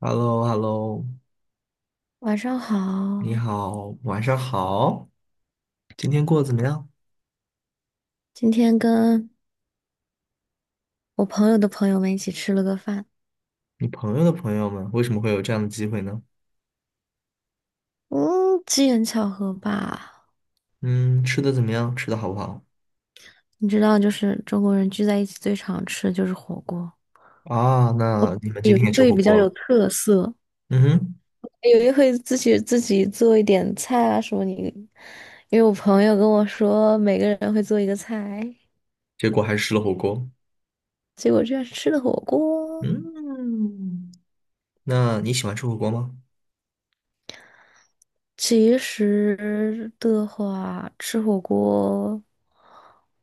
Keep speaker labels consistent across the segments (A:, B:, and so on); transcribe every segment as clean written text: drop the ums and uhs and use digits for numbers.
A: h e l l o h e l l o
B: 晚上
A: 你
B: 好，
A: 好，晚上好，今天过得怎么样？
B: 今天跟我朋友的朋友们一起吃了个饭，
A: 你朋友的朋友们为什么会有这样的机会呢？
B: 嗯，机缘巧合吧。
A: 嗯，吃的怎么样？吃的好不好？
B: 你知道，就是中国人聚在一起最常吃的就是火锅，
A: 啊，那你们今
B: 有
A: 天也
B: 的
A: 吃
B: 会
A: 火
B: 比较
A: 锅了？
B: 有特色，
A: 嗯哼，
B: 有的会自己做一点菜啊什么你。因为我朋友跟我说，每个人会做一个菜，
A: 结果还是吃了火锅。
B: 结果居然是吃的火锅。
A: 嗯，那你喜欢吃火锅吗？
B: 其实的话，吃火锅，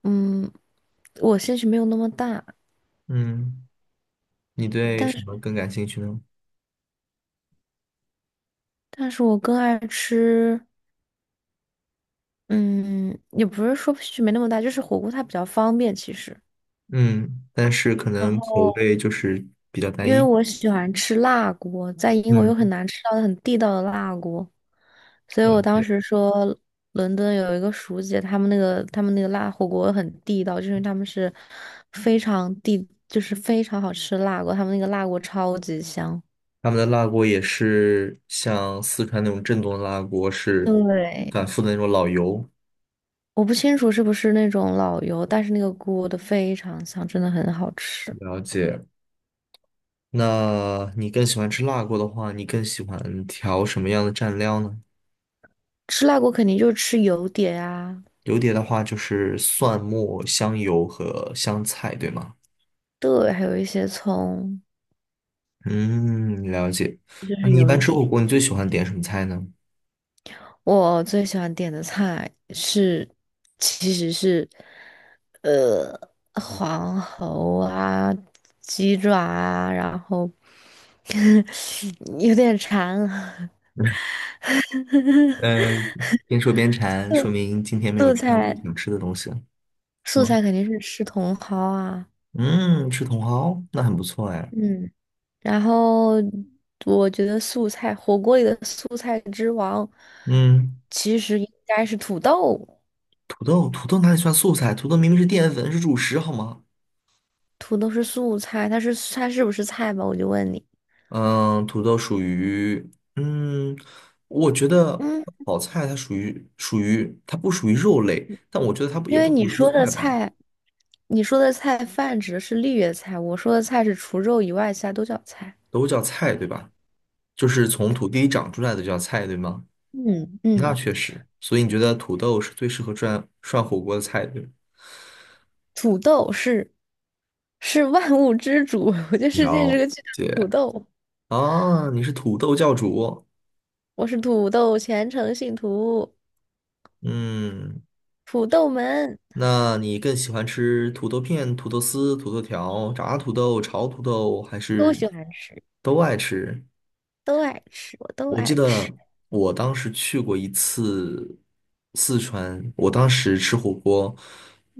B: 嗯，我兴趣没有那么大。
A: 嗯，你对
B: 但
A: 什
B: 是，
A: 么更感兴趣呢？
B: 但是我更爱吃，嗯，也不是说区别那么大，就是火锅它比较方便，其实。
A: 嗯，但是可
B: 然
A: 能口
B: 后，
A: 味就是比较单
B: 因为
A: 一。
B: 我喜欢吃辣锅，在英国又很
A: 嗯，
B: 难吃到很地道的辣锅，所以
A: 了
B: 我当
A: 解。
B: 时说伦敦有一个熟姐，他们那个辣火锅很地道，就是他们是非常地，就是非常好吃的辣锅，他们那个辣锅超级香。
A: 他们的辣锅也是像四川那种正宗的辣锅，是反
B: 对，
A: 复的那种老油。
B: 我不清楚是不是那种老油，但是那个锅的非常香，真的很好吃。
A: 了解。那你更喜欢吃辣锅的话，你更喜欢调什么样的蘸料呢？
B: 吃辣锅肯定就是吃油碟啊，
A: 油碟的话就是蒜末、香油和香菜，对吗？
B: 对，还有一些葱，
A: 嗯，了解。
B: 这就
A: 那
B: 是
A: 你一
B: 油
A: 般吃火
B: 碟。
A: 锅，你最喜欢点什么菜呢？
B: 我最喜欢点的菜是，其实是，呃，黄喉啊，鸡爪啊，然后 有点馋了。
A: 嗯，边说边馋，说明今天没有
B: 素
A: 吃到自己
B: 菜
A: 想吃的东西了是
B: 素
A: 吗？
B: 菜肯定是吃茼蒿啊，
A: 嗯，吃茼蒿，那很不错哎。
B: 嗯，然后我觉得素菜火锅里的素菜之王，
A: 嗯。
B: 其实应该是土豆。
A: 土豆，土豆哪里算素菜？土豆明明是淀粉，是主食，好吗？
B: 土豆是素菜，它是不是菜吧？我就问你，
A: 嗯，土豆属于，嗯，我觉得
B: 嗯，
A: 炒菜它属于它不属于肉类，但我觉得它不也
B: 因
A: 不
B: 为
A: 属
B: 你
A: 于
B: 说
A: 蔬
B: 的
A: 菜吧，
B: 菜，你说的菜泛指的是绿叶菜，我说的菜是除肉以外其他都叫菜。
A: 都叫菜，对吧？就是从土地里长出来的就叫菜，对吗？
B: 嗯
A: 那
B: 嗯，
A: 确实，所以你觉得土豆是最适合涮涮火锅的菜，对吗？
B: 土豆是万物之主，我觉得世界是个巨大
A: 解
B: 的土
A: 解
B: 豆。
A: 啊，你是土豆教主，
B: 我是土豆虔诚信徒，
A: 嗯，
B: 土豆们
A: 那你更喜欢吃土豆片、土豆丝、土豆条、炸土豆、炒土豆，还
B: 都
A: 是
B: 喜欢吃。
A: 都爱吃？
B: 都爱吃，我都
A: 我记
B: 爱吃。
A: 得我当时去过一次四川，我当时吃火锅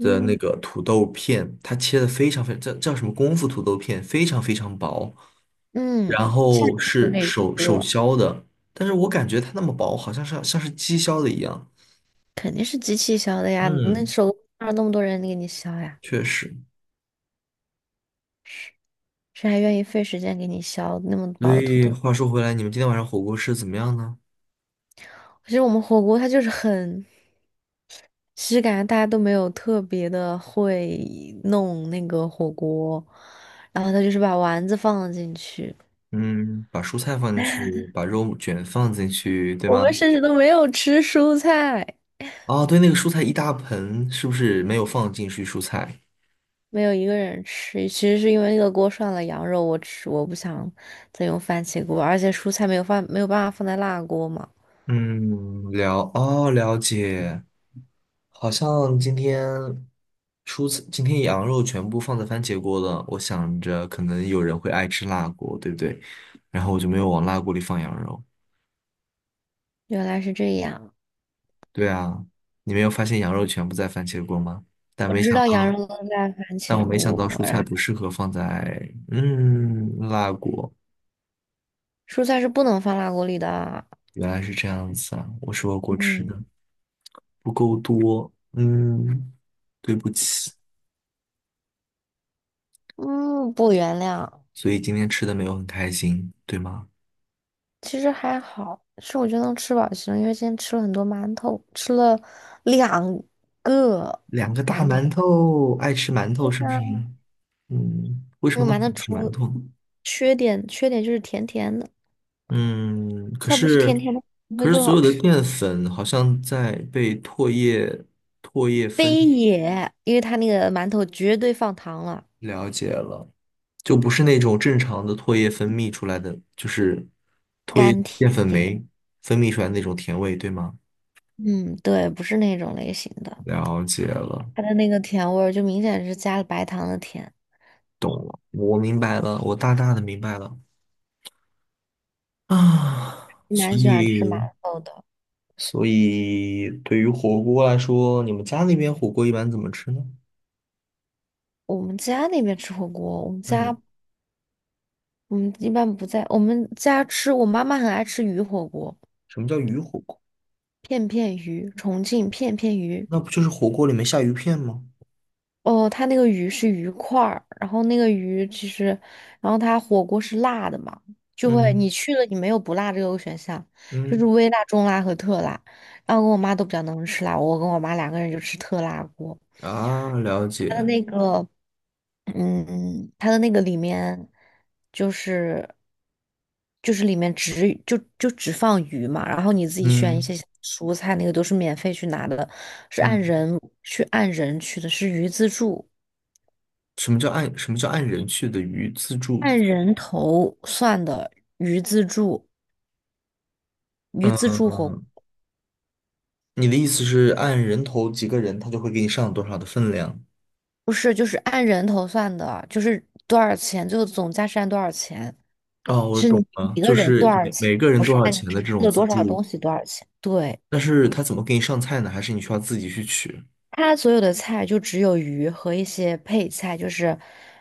A: 的那个土豆片，它切的非常非常叫叫什么功夫土豆片，非常非常薄，
B: 嗯，
A: 然
B: 下次
A: 后
B: 就
A: 是
B: 可以
A: 手
B: 吃
A: 手
B: 了，
A: 削的，但是我感觉它那么薄，好像是像是机削的一样。
B: 肯定是机器削的呀。那
A: 嗯，
B: 手工哪有那么多人给你削呀？
A: 确实。
B: 谁还愿意费时间给你削那么
A: 所
B: 薄的土
A: 以
B: 豆？
A: 话说回来，你们今天晚上火锅吃的怎么样呢？
B: 其实我们火锅它就是很，其实感觉大家都没有特别的会弄那个火锅，然后他就是把丸子放了进去，
A: 嗯，把蔬菜放进去，把肉卷放进去，对
B: 我们
A: 吗？
B: 甚至都没有吃蔬菜。
A: 哦，对，那个蔬菜一大盆，是不是没有放进去蔬菜？
B: 没有一个人吃，其实是因为那个锅涮了羊肉，我不想再用番茄锅，而且蔬菜没有办法放在辣锅嘛。
A: 嗯，了，哦，了解。好像今天蔬菜，今天羊肉全部放在番茄锅了。我想着可能有人会爱吃辣锅，对不对？然后我就没有往辣锅里放羊肉。
B: 原来是这样，
A: 对啊，你没有发现羊肉全部在番茄锅吗？但
B: 我
A: 没
B: 知
A: 想
B: 道羊
A: 到，
B: 肉能在番
A: 但我
B: 茄
A: 没想到
B: 锅，
A: 蔬菜
B: 然后
A: 不适合放在嗯辣锅。
B: 蔬菜是不能放辣锅里的。
A: 原来是这样子啊，我是我吃
B: 嗯
A: 的不够多，嗯，对不起，
B: 嗯，不原谅，
A: 所以今天吃的没有很开心，对吗？
B: 其实还好，是我觉得能吃饱就行，因为今天吃了很多馒头，吃了两个
A: 两个大
B: 馒头。
A: 馒头，爱吃馒头是不是？嗯，为什
B: 那
A: 么
B: 个
A: 那么
B: 馒
A: 喜
B: 头
A: 欢吃馒
B: 除
A: 头呢？
B: 缺点缺点就是甜甜的。
A: 嗯，可
B: 它不是
A: 是，
B: 甜甜的会
A: 可是
B: 更
A: 所
B: 好
A: 有的
B: 吃。
A: 淀粉好像在被唾液分
B: 非也，因为它那个馒头绝对放糖了，
A: 了解了，就不是那种正常的唾液分泌出来的，就是唾液
B: 甘甜。
A: 淀粉酶分泌出来的那种甜味，对吗？
B: 嗯，对，不是那种类型的，
A: 了解了，
B: 它的那个甜味儿就明显是加了白糖的甜。
A: 我明白了，我大大的明白了啊。所
B: 蛮喜欢吃馒
A: 以，
B: 头的。
A: 所以对于火锅来说，你们家那边火锅一般怎么吃呢？
B: 我们家那边吃火锅，
A: 嗯，
B: 我们一般不在我们家吃，我妈妈很爱吃鱼火锅，
A: 什么叫鱼火锅？
B: 片片鱼，重庆片片鱼。
A: 那不就是火锅里面下鱼片吗？
B: 哦，它那个鱼是鱼块儿，然后那个鱼其实，然后它火锅是辣的嘛，就会
A: 嗯
B: 你去了你没有不辣这个选项，就是
A: 嗯
B: 微辣、中辣和特辣。然后我跟我妈都比较能吃辣，我跟我妈两个人就吃特辣锅。
A: 啊，了
B: 它的
A: 解。
B: 那个，它的那个里面就是就是里面只就只放鱼嘛，然后你自己选一
A: 嗯
B: 些蔬菜，那个都是免费去拿的，是按
A: 嗯，
B: 人去按人去的，是鱼自助。
A: 什么叫按人去的鱼自助？
B: 按人头算的鱼自助，鱼自
A: 嗯，
B: 助火锅
A: 你的意思是按人头几个人，他就会给你上多少的分量？
B: 不是，就是按人头算的，就是多少钱，最后总价是按多少钱，
A: 哦，我
B: 是
A: 懂
B: 你
A: 了，
B: 一个
A: 就
B: 人多
A: 是
B: 少
A: 每
B: 钱，
A: 每个人
B: 不是
A: 多少
B: 按你
A: 钱的这
B: 吃
A: 种
B: 了
A: 自
B: 多少
A: 助，
B: 东西多少钱。对，
A: 但是他怎么给你上菜呢？还是你需要自己去取？
B: 它所有的菜就只有鱼和一些配菜，就是，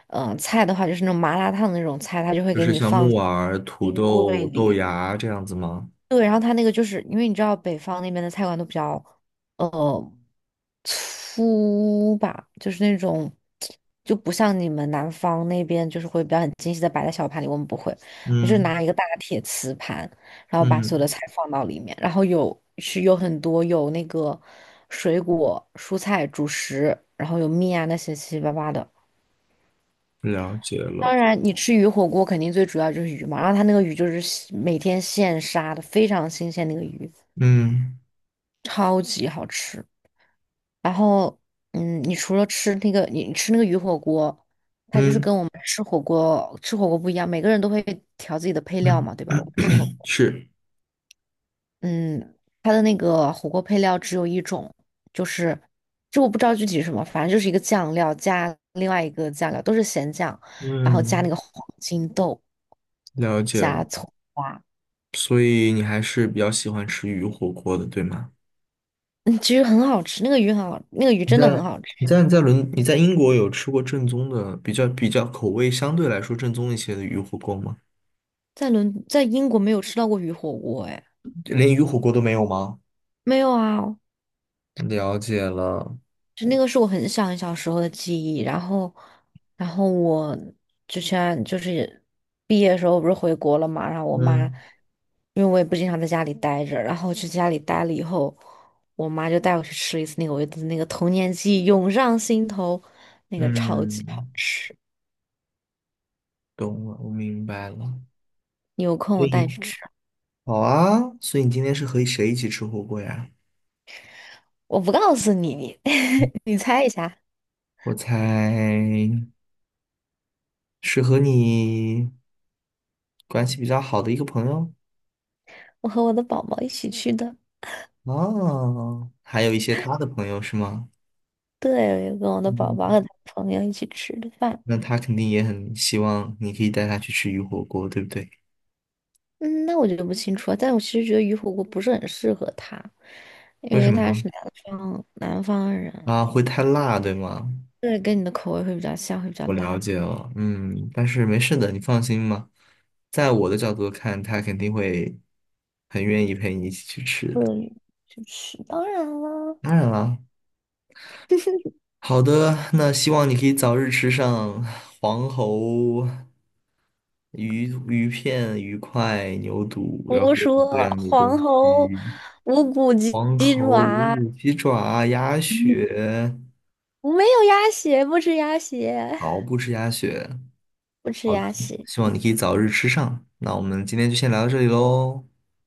B: 菜的话就是那种麻辣烫的那种菜，它就会
A: 就
B: 给
A: 是
B: 你
A: 像
B: 放
A: 木
B: 在
A: 耳、土
B: 冰柜
A: 豆、豆
B: 里。
A: 芽这样子吗？
B: 对，然后它那个就是因为你知道北方那边的菜馆都比较。呃。粗吧，就是那种，就不像你们南方那边就是会比较很精细的摆在小盘里，我们不会，我就
A: 嗯
B: 拿一个大铁瓷盘，然后把所有的
A: 嗯，
B: 菜放到里面，然后有是有很多有那个水果、蔬菜、主食，然后有面啊那些七七八八的。
A: 了解了。
B: 当然，你吃鱼火锅肯定最主要就是鱼嘛，然后它那个鱼就是现每天现杀的，非常新鲜那个鱼，
A: 嗯
B: 超级好吃。然后，你除了吃那个，你吃那个鱼火锅，它就是
A: 嗯
B: 跟我们吃火锅不一样，每个人都会调自己的配料
A: 嗯，
B: 嘛，对吧？我们吃火锅，
A: 是，
B: 嗯，它的那个火锅配料只有一种，就是就我不知道具体是什么，反正就是一个酱料加另外一个酱料，都是咸酱，然后加那
A: 嗯，
B: 个黄金豆，
A: 了解了。
B: 加葱花，
A: 所以你还是比较喜欢吃鱼火锅的，对吗？
B: 嗯，其实很好吃，那个鱼很好，那个鱼
A: 你
B: 真的很
A: 在
B: 好吃，
A: 你在你在英国有吃过正宗的，比较口味相对来说正宗一些的鱼火锅吗？
B: 在英国没有吃到过鱼火锅，哎，
A: 连鱼火锅都没有吗？
B: 没有啊，
A: 了解了，
B: 就那个是我很小很小时候的记忆，然后，我之前就是毕业的时候不是回国了嘛，然后我妈，
A: 嗯，
B: 因为我也不经常在家里待着，然后去家里待了以后，我妈就带我去吃了一次那个我的那个童年记忆涌上心头，那个超级好
A: 嗯，
B: 吃，
A: 懂了，我明白了。
B: 你有空
A: 所
B: 我带
A: 以
B: 你去吃，
A: 好啊，所以你今天是和谁一起吃火锅呀？
B: 我不告诉你，你 你猜一下，
A: 我猜是和你关系比较好的一个朋友。
B: 我和我的宝宝一起去的，
A: 哦，还有一些他的朋友是吗？
B: 对，我跟我的宝宝和
A: 嗯，
B: 他朋友一起吃的饭。
A: 那他肯定也很希望你可以带他去吃鱼火锅，对不对？
B: 嗯，那我就不清楚了。但我其实觉得鱼火锅不是很适合他，因
A: 为什
B: 为
A: 么
B: 他
A: 呢？
B: 是南方人，
A: 啊，会太辣，对吗？
B: 对，跟你的口味会比较像，会比较
A: 我了解
B: 辣。
A: 了，嗯，但是没事的，你放心吧。在我的角度看，他肯定会很愿意陪你一起去吃的。
B: 对，就是当然了，
A: 当然了，好的，那希望你可以早日吃上黄喉鱼片、鱼块、牛肚，然后
B: 胡
A: 各种各
B: 说，
A: 样的东
B: 黄喉、
A: 西，
B: 无骨鸡
A: 黄
B: 鸡
A: 喉、
B: 爪，
A: 五鸡爪、鸭血。
B: 我没有鸭血，不吃鸭血。
A: 好，不吃鸭血，
B: 不吃鸭血。
A: 希望你可以早日吃上。那我们今天就先聊到这里喽，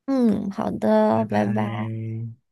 B: 嗯，好
A: 拜
B: 的，拜拜。
A: 拜。